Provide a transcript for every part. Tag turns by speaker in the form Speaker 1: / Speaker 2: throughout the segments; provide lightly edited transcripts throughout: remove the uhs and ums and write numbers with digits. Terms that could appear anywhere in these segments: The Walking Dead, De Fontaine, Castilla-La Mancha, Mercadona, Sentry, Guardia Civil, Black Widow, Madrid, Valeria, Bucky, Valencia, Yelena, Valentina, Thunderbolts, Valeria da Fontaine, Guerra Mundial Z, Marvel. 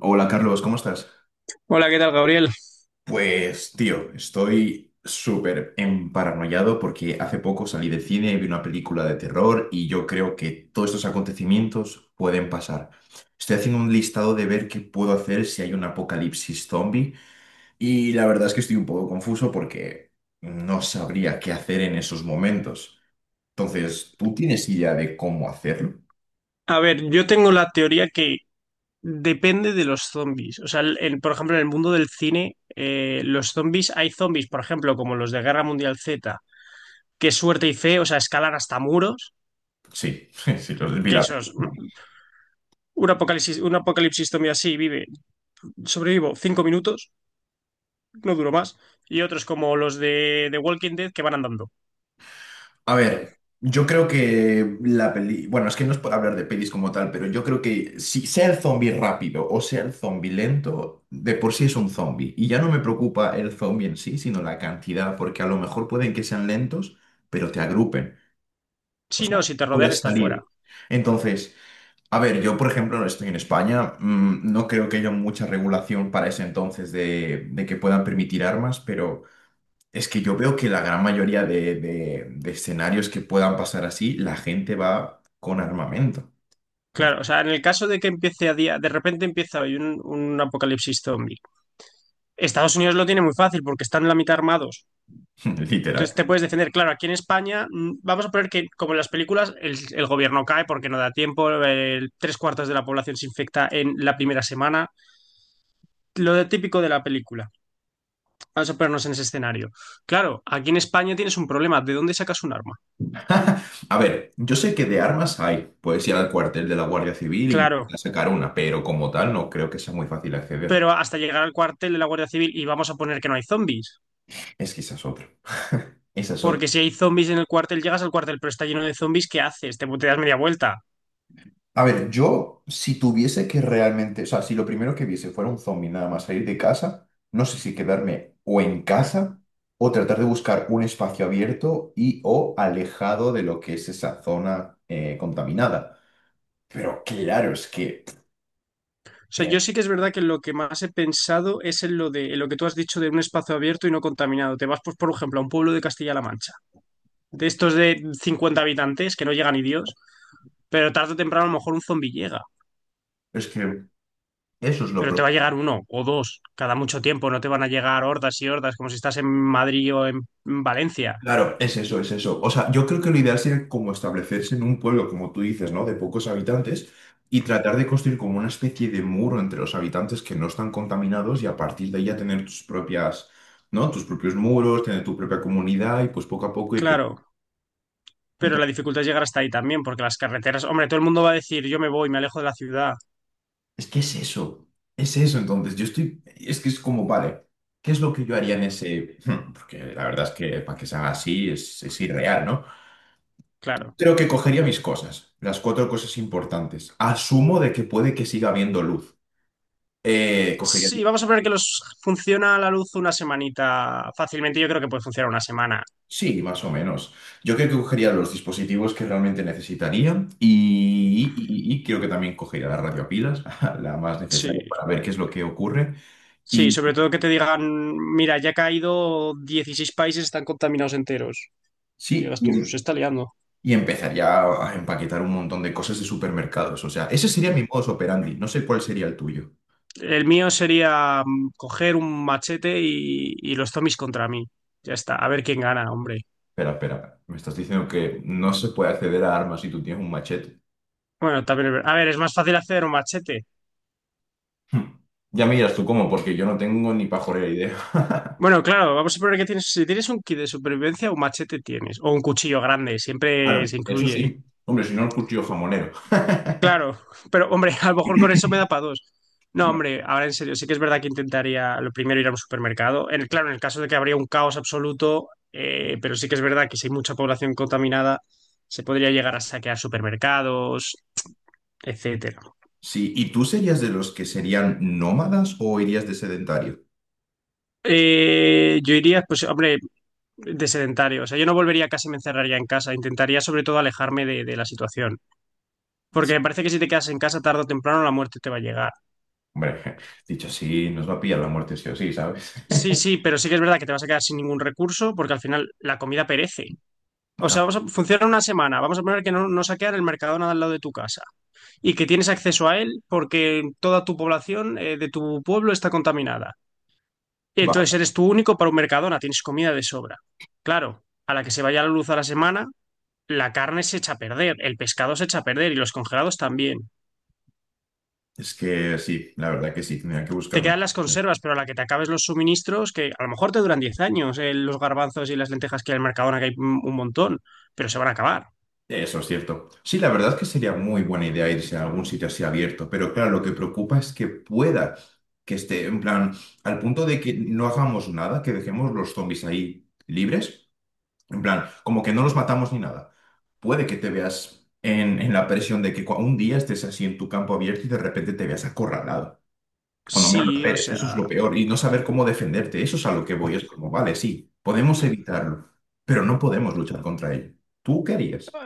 Speaker 1: Hola Carlos, ¿cómo estás?
Speaker 2: Hola, ¿qué tal, Gabriel?
Speaker 1: Pues tío, estoy súper emparanoiado porque hace poco salí del cine, y vi una película de terror y yo creo que todos estos acontecimientos pueden pasar. Estoy haciendo un listado de ver qué puedo hacer si hay un apocalipsis zombie y la verdad es que estoy un poco confuso porque no sabría qué hacer en esos momentos. Entonces, ¿tú tienes idea de cómo hacerlo?
Speaker 2: A ver, yo tengo la teoría que depende de los zombies. O sea, por ejemplo, en el mundo del cine, los zombies, hay zombies, por ejemplo, como los de Guerra Mundial Z, que suerte y fe, o sea, escalan hasta muros,
Speaker 1: Sí, sí, los vi
Speaker 2: que
Speaker 1: la.
Speaker 2: esos, ¿no? Un apocalipsis zombie así vive, sobrevivo 5 minutos, no duro más, y otros como los de The Walking Dead que van andando.
Speaker 1: A ver, yo creo que la peli, bueno, es que no es por hablar de pelis como tal, pero yo creo que si sea el zombie rápido o sea el zombie lento, de por sí es un zombie. Y ya no me preocupa el zombie en sí, sino la cantidad, porque a lo mejor pueden que sean lentos, pero te agrupen. O
Speaker 2: Si
Speaker 1: sea,
Speaker 2: no, si te rodean,
Speaker 1: puedas
Speaker 2: estás fuera.
Speaker 1: salir. Entonces, a ver, yo por ejemplo estoy en España, mm, no creo que haya mucha regulación para ese entonces de que puedan permitir armas, pero. Es que yo veo que la gran mayoría de escenarios que puedan pasar así, la gente va con armamento. Entonces,
Speaker 2: Claro, o sea, en el caso de que empiece a día, de repente empieza hoy un apocalipsis zombie. Estados Unidos lo tiene muy fácil porque están la mitad armados.
Speaker 1: literal.
Speaker 2: Entonces te puedes defender. Claro, aquí en España vamos a poner que, como en las películas, el gobierno cae porque no da tiempo, tres cuartos de la población se infecta en la primera semana. Típico de la película. Vamos a ponernos en ese escenario. Claro, aquí en España tienes un problema. ¿De dónde sacas un arma?
Speaker 1: A ver, yo sé que de armas hay. Puedes ir al cuartel de la Guardia Civil e
Speaker 2: Claro,
Speaker 1: intentar sacar una, pero como tal no creo que sea muy fácil acceder.
Speaker 2: pero hasta llegar al cuartel de la Guardia Civil y vamos a poner que no hay zombies.
Speaker 1: Es que esa es otra. Esa es otra.
Speaker 2: Porque si hay zombies en el cuartel, llegas al cuartel, pero está lleno de zombies, ¿qué haces? Te das media vuelta.
Speaker 1: A ver, yo, si tuviese que realmente, o sea, si lo primero que viese fuera un zombie nada más salir de casa, no sé si quedarme o en casa o tratar de buscar un espacio abierto y o alejado de lo que es esa zona contaminada. Pero claro,
Speaker 2: O sea,
Speaker 1: eh,
Speaker 2: yo sí que es verdad que lo que más he pensado es en lo de en lo que tú has dicho de un espacio abierto y no contaminado. Te vas, pues, por ejemplo, a un pueblo de Castilla-La Mancha, de estos de 50 habitantes que no llega ni Dios, pero tarde o temprano a lo mejor un zombi llega,
Speaker 1: es que eso es lo
Speaker 2: pero te va a
Speaker 1: preocupante.
Speaker 2: llegar uno o dos cada mucho tiempo, no te van a llegar hordas y hordas como si estás en Madrid o en Valencia.
Speaker 1: Claro, es eso, es eso. O sea, yo creo que lo ideal sería como establecerse en un pueblo, como tú dices, ¿no? De pocos habitantes y tratar de construir como una especie de muro entre los habitantes que no están contaminados y a partir de ahí ya tener tus propias, ¿no? Tus propios muros, tener tu propia comunidad y pues poco a poco ir.
Speaker 2: Claro, pero la
Speaker 1: Entonces,
Speaker 2: dificultad es llegar hasta ahí también, porque las carreteras, hombre, todo el mundo va a decir, yo me voy, me alejo de la ciudad.
Speaker 1: es que es eso, es eso. Entonces, yo estoy, es que es como, vale, ¿qué es lo que yo haría en ese? Porque la verdad es que para que se haga así es irreal, ¿no?
Speaker 2: Claro.
Speaker 1: Creo que cogería mis cosas, las cuatro cosas importantes. Asumo de que puede que siga habiendo luz. Cogería.
Speaker 2: Sí, vamos a ver que los funciona a la luz una semanita fácilmente. Yo creo que puede funcionar una semana.
Speaker 1: Sí, más o menos. Yo creo que cogería los dispositivos que realmente necesitaría y creo que también cogería la radio pilas, la más necesaria
Speaker 2: Sí.
Speaker 1: para ver qué es lo que ocurre.
Speaker 2: Sí,
Speaker 1: Y
Speaker 2: sobre todo que te digan, mira, ya ha caído 16 países, están contaminados enteros. Y
Speaker 1: sí,
Speaker 2: digas
Speaker 1: y,
Speaker 2: tú,
Speaker 1: em-
Speaker 2: se está liando.
Speaker 1: y empezaría a empaquetar un montón de cosas de supermercados. O sea, ese sería mi modus operandi. No sé cuál sería el tuyo.
Speaker 2: El mío sería coger un machete y los zombies contra mí. Ya está, a ver quién gana, hombre.
Speaker 1: Espera, espera. Me estás diciendo que no se puede acceder a armas si tú tienes un machete.
Speaker 2: Bueno, también, a ver, es más fácil hacer un machete.
Speaker 1: Hmm. Ya me dirás tú cómo, porque yo no tengo ni pajolera idea.
Speaker 2: Bueno, claro, vamos a poner que tienes, si tienes un kit de supervivencia, un machete tienes, o un cuchillo grande, siempre
Speaker 1: Claro,
Speaker 2: se
Speaker 1: eso
Speaker 2: incluye.
Speaker 1: sí. Hombre, si no el cuchillo jamonero.
Speaker 2: Claro, pero hombre, a lo mejor con eso me da para dos. No,
Speaker 1: Bueno,
Speaker 2: hombre, ahora en serio, sí que es verdad que intentaría lo primero ir a un supermercado. En, claro, en el caso de que habría un caos absoluto, pero sí que es verdad que si hay mucha población contaminada, se podría llegar a saquear supermercados, etcétera.
Speaker 1: sí. ¿Y tú serías de los que serían nómadas o irías de sedentario?
Speaker 2: Yo iría, pues, hombre, de sedentario. O sea, yo no volvería a casa y me encerraría en casa. Intentaría sobre todo alejarme de la situación. Porque me parece que si te quedas en casa tarde o temprano, la muerte te va a llegar.
Speaker 1: Hombre, dicho así, nos va a pillar la muerte sí o sí, ¿sabes?
Speaker 2: Sí, sí, pero sí que es verdad que te vas a quedar sin ningún recurso porque al final la comida perece. O sea,
Speaker 1: Ta-
Speaker 2: vamos a, funciona una semana. Vamos a poner que no, no saquean el Mercadona de al lado de tu casa y que tienes acceso a él porque toda tu población de tu pueblo está contaminada. Y
Speaker 1: Va.
Speaker 2: entonces eres tú único para un Mercadona, tienes comida de sobra. Claro, a la que se vaya la luz a la semana, la carne se echa a perder, el pescado se echa a perder y los congelados también.
Speaker 1: Es que sí, la verdad que sí, tendría que
Speaker 2: Te
Speaker 1: buscarme.
Speaker 2: quedan las conservas, pero a la que te acabes los suministros, que a lo mejor te duran 10 años, los garbanzos y las lentejas que hay en el Mercadona, que hay un montón, pero se van a acabar.
Speaker 1: Eso es cierto. Sí, la verdad es que sería muy buena idea irse a algún sitio así abierto, pero claro, lo que preocupa es que pueda, que esté en plan, al punto de que no hagamos nada, que dejemos los zombies ahí libres, en plan, como que no los matamos ni nada. Puede que te veas en la presión de que un día estés así en tu campo abierto y de repente te veas acorralado, cuando menos lo
Speaker 2: Sí, o
Speaker 1: esperes, eso es lo
Speaker 2: sea,
Speaker 1: peor, y no saber cómo defenderte, eso es a lo que voy, es como, vale, sí, podemos evitarlo, pero no podemos luchar contra ello. ¿Tú qué harías?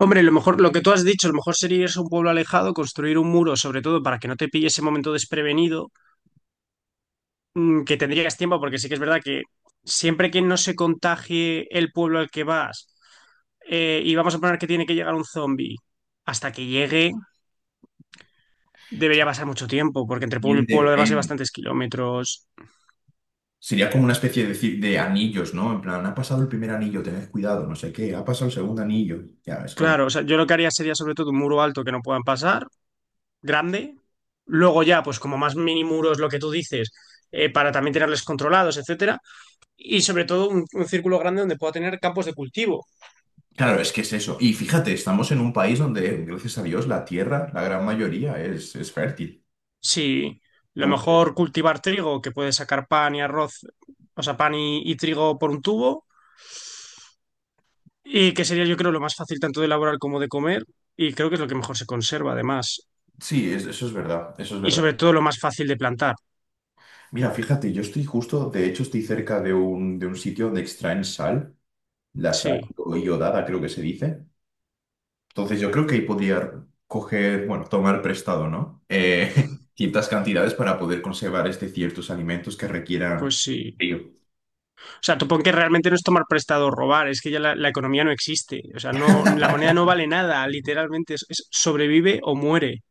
Speaker 2: hombre, lo mejor, lo que tú has dicho, lo mejor sería irse a un pueblo alejado, construir un muro, sobre todo para que no te pille ese momento desprevenido, que tendrías tiempo, porque sí que es verdad que siempre que no se contagie el pueblo al que vas, y vamos a poner que tiene que llegar un zombie, hasta que llegue debería pasar mucho tiempo, porque entre pueblo
Speaker 1: Bien
Speaker 2: y pueblo además hay
Speaker 1: depende.
Speaker 2: bastantes kilómetros.
Speaker 1: Sería como una especie de anillos, ¿no? En plan, ha pasado el primer anillo, tened cuidado, no sé qué, ha pasado el segundo anillo. Ya, es como.
Speaker 2: Claro, o sea, yo lo que haría sería sobre todo un muro alto que no puedan pasar, grande. Luego ya, pues como más mini muros, lo que tú dices, para también tenerles controlados, etcétera. Y sobre todo un círculo grande donde pueda tener campos de cultivo.
Speaker 1: Claro, es que es eso. Y fíjate, estamos en un país donde, gracias a Dios, la tierra, la gran mayoría, es fértil.
Speaker 2: Sí, lo
Speaker 1: Entonces,
Speaker 2: mejor cultivar trigo, que puede sacar pan y arroz, o sea, pan y trigo por un tubo, y que sería yo creo lo más fácil tanto de elaborar como de comer, y creo que es lo que mejor se conserva además.
Speaker 1: sí, eso es verdad, eso es
Speaker 2: Y
Speaker 1: verdad.
Speaker 2: sobre todo lo más fácil de plantar.
Speaker 1: Mira, fíjate, yo estoy justo, de hecho, estoy cerca de un, sitio donde extraen sal, la sal
Speaker 2: Sí,
Speaker 1: iodada, creo que se dice. Entonces yo creo que ahí podría coger, bueno, tomar prestado, ¿no? Ciertas cantidades para poder conservar este ciertos alimentos que
Speaker 2: pues
Speaker 1: requieran
Speaker 2: sí.
Speaker 1: frío.
Speaker 2: O sea, supongo que realmente no es tomar prestado o robar, es que ya la economía no existe. O sea, no, la moneda no vale nada, literalmente es sobrevive o muere.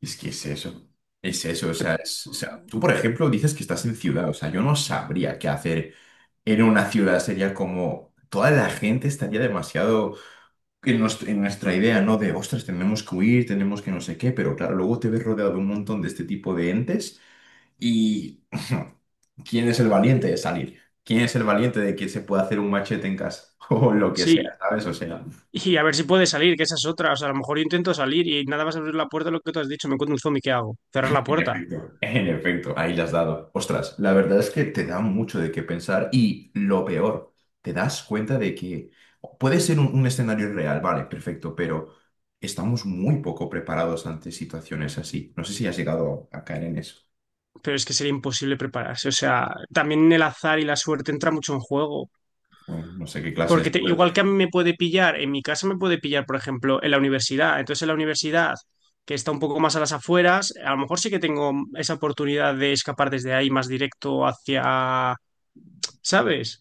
Speaker 1: Es que es eso, o sea, o sea, tú por ejemplo dices que estás en ciudad, o sea, yo no sabría qué hacer en una ciudad, sería como toda la gente estaría demasiado en nuestra idea, ¿no? Ostras, tenemos que huir, tenemos que no sé qué, pero claro, luego te ves rodeado de un montón de este tipo de entes. Y ¿quién es el valiente de salir? ¿Quién es el valiente de que se puede hacer un machete en casa? O lo que sea,
Speaker 2: Sí.
Speaker 1: ¿sabes? O sea,
Speaker 2: Y a ver si puede salir, que esa es otra. O sea, a lo mejor yo intento salir y nada más abrir la puerta, lo que tú has dicho, me encuentro un zombie, ¿qué hago? Cerrar la puerta.
Speaker 1: en efecto, ahí las has dado. Ostras, la verdad es que te da mucho de qué pensar y lo peor, te das cuenta de que puede ser un escenario real, vale, perfecto, pero estamos muy poco preparados ante situaciones así. No sé si has llegado a caer en eso.
Speaker 2: Pero es que sería imposible prepararse. O sea, también el azar y la suerte entra mucho en juego.
Speaker 1: Bueno, no sé qué clase de
Speaker 2: Porque
Speaker 1: suerte.
Speaker 2: igual que a mí me puede pillar, en mi casa me puede pillar, por ejemplo, en la universidad. Entonces, en la universidad, que está un poco más a las afueras, a lo mejor sí que tengo esa oportunidad de escapar desde ahí más directo hacia, ¿sabes?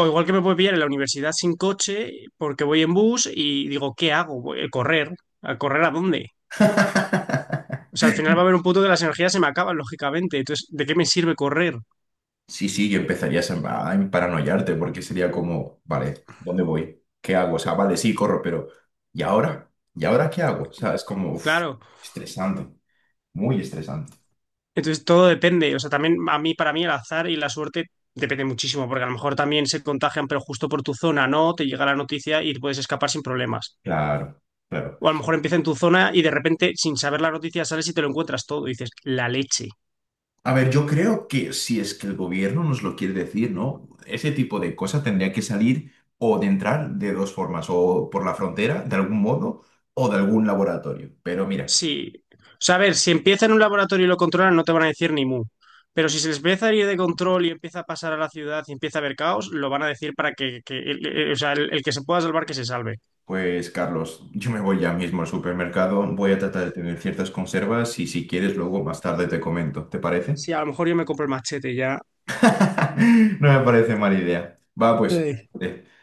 Speaker 2: O igual que me puede pillar en la universidad sin coche porque voy en bus y digo, ¿qué hago? Voy a correr. ¿A correr a dónde? O sea, al final va a haber un punto que las energías se me acaban, lógicamente. Entonces, ¿de qué me sirve correr?
Speaker 1: Sí, sí, que empezarías a paranoiarte porque sería como, vale, ¿dónde voy? ¿Qué hago? O sea, vale, sí, corro, pero ¿y ahora? ¿Y ahora qué hago? O sea, es como uf,
Speaker 2: Claro.
Speaker 1: estresante, muy estresante.
Speaker 2: Entonces, todo depende. O sea, también a mí, para mí, el azar y la suerte depende muchísimo, porque a lo mejor también se contagian, pero justo por tu zona, ¿no? Te llega la noticia y puedes escapar sin problemas.
Speaker 1: Claro, claro.
Speaker 2: O a lo mejor empieza en tu zona y de repente, sin saber la noticia, sales y te lo encuentras todo. Y dices, la leche.
Speaker 1: A ver, yo creo que si es que el gobierno nos lo quiere decir, ¿no? Ese tipo de cosas tendría que salir o de entrar de dos formas, o por la frontera, de algún modo, o de algún laboratorio. Pero mira.
Speaker 2: Sí. O sea, a ver, si empieza en un laboratorio y lo controlan, no te van a decir ni mu. Pero si se les empieza a ir de control y empieza a pasar a la ciudad y empieza a haber caos, lo van a decir para que, o sea, el que se pueda salvar, que se salve.
Speaker 1: Pues Carlos, yo me voy ya mismo al supermercado, voy a tratar de tener ciertas conservas y si quieres luego más tarde te comento, ¿te parece?
Speaker 2: Sí, a lo mejor yo me compro el machete ya.
Speaker 1: No me parece mala idea. Va, pues. eh.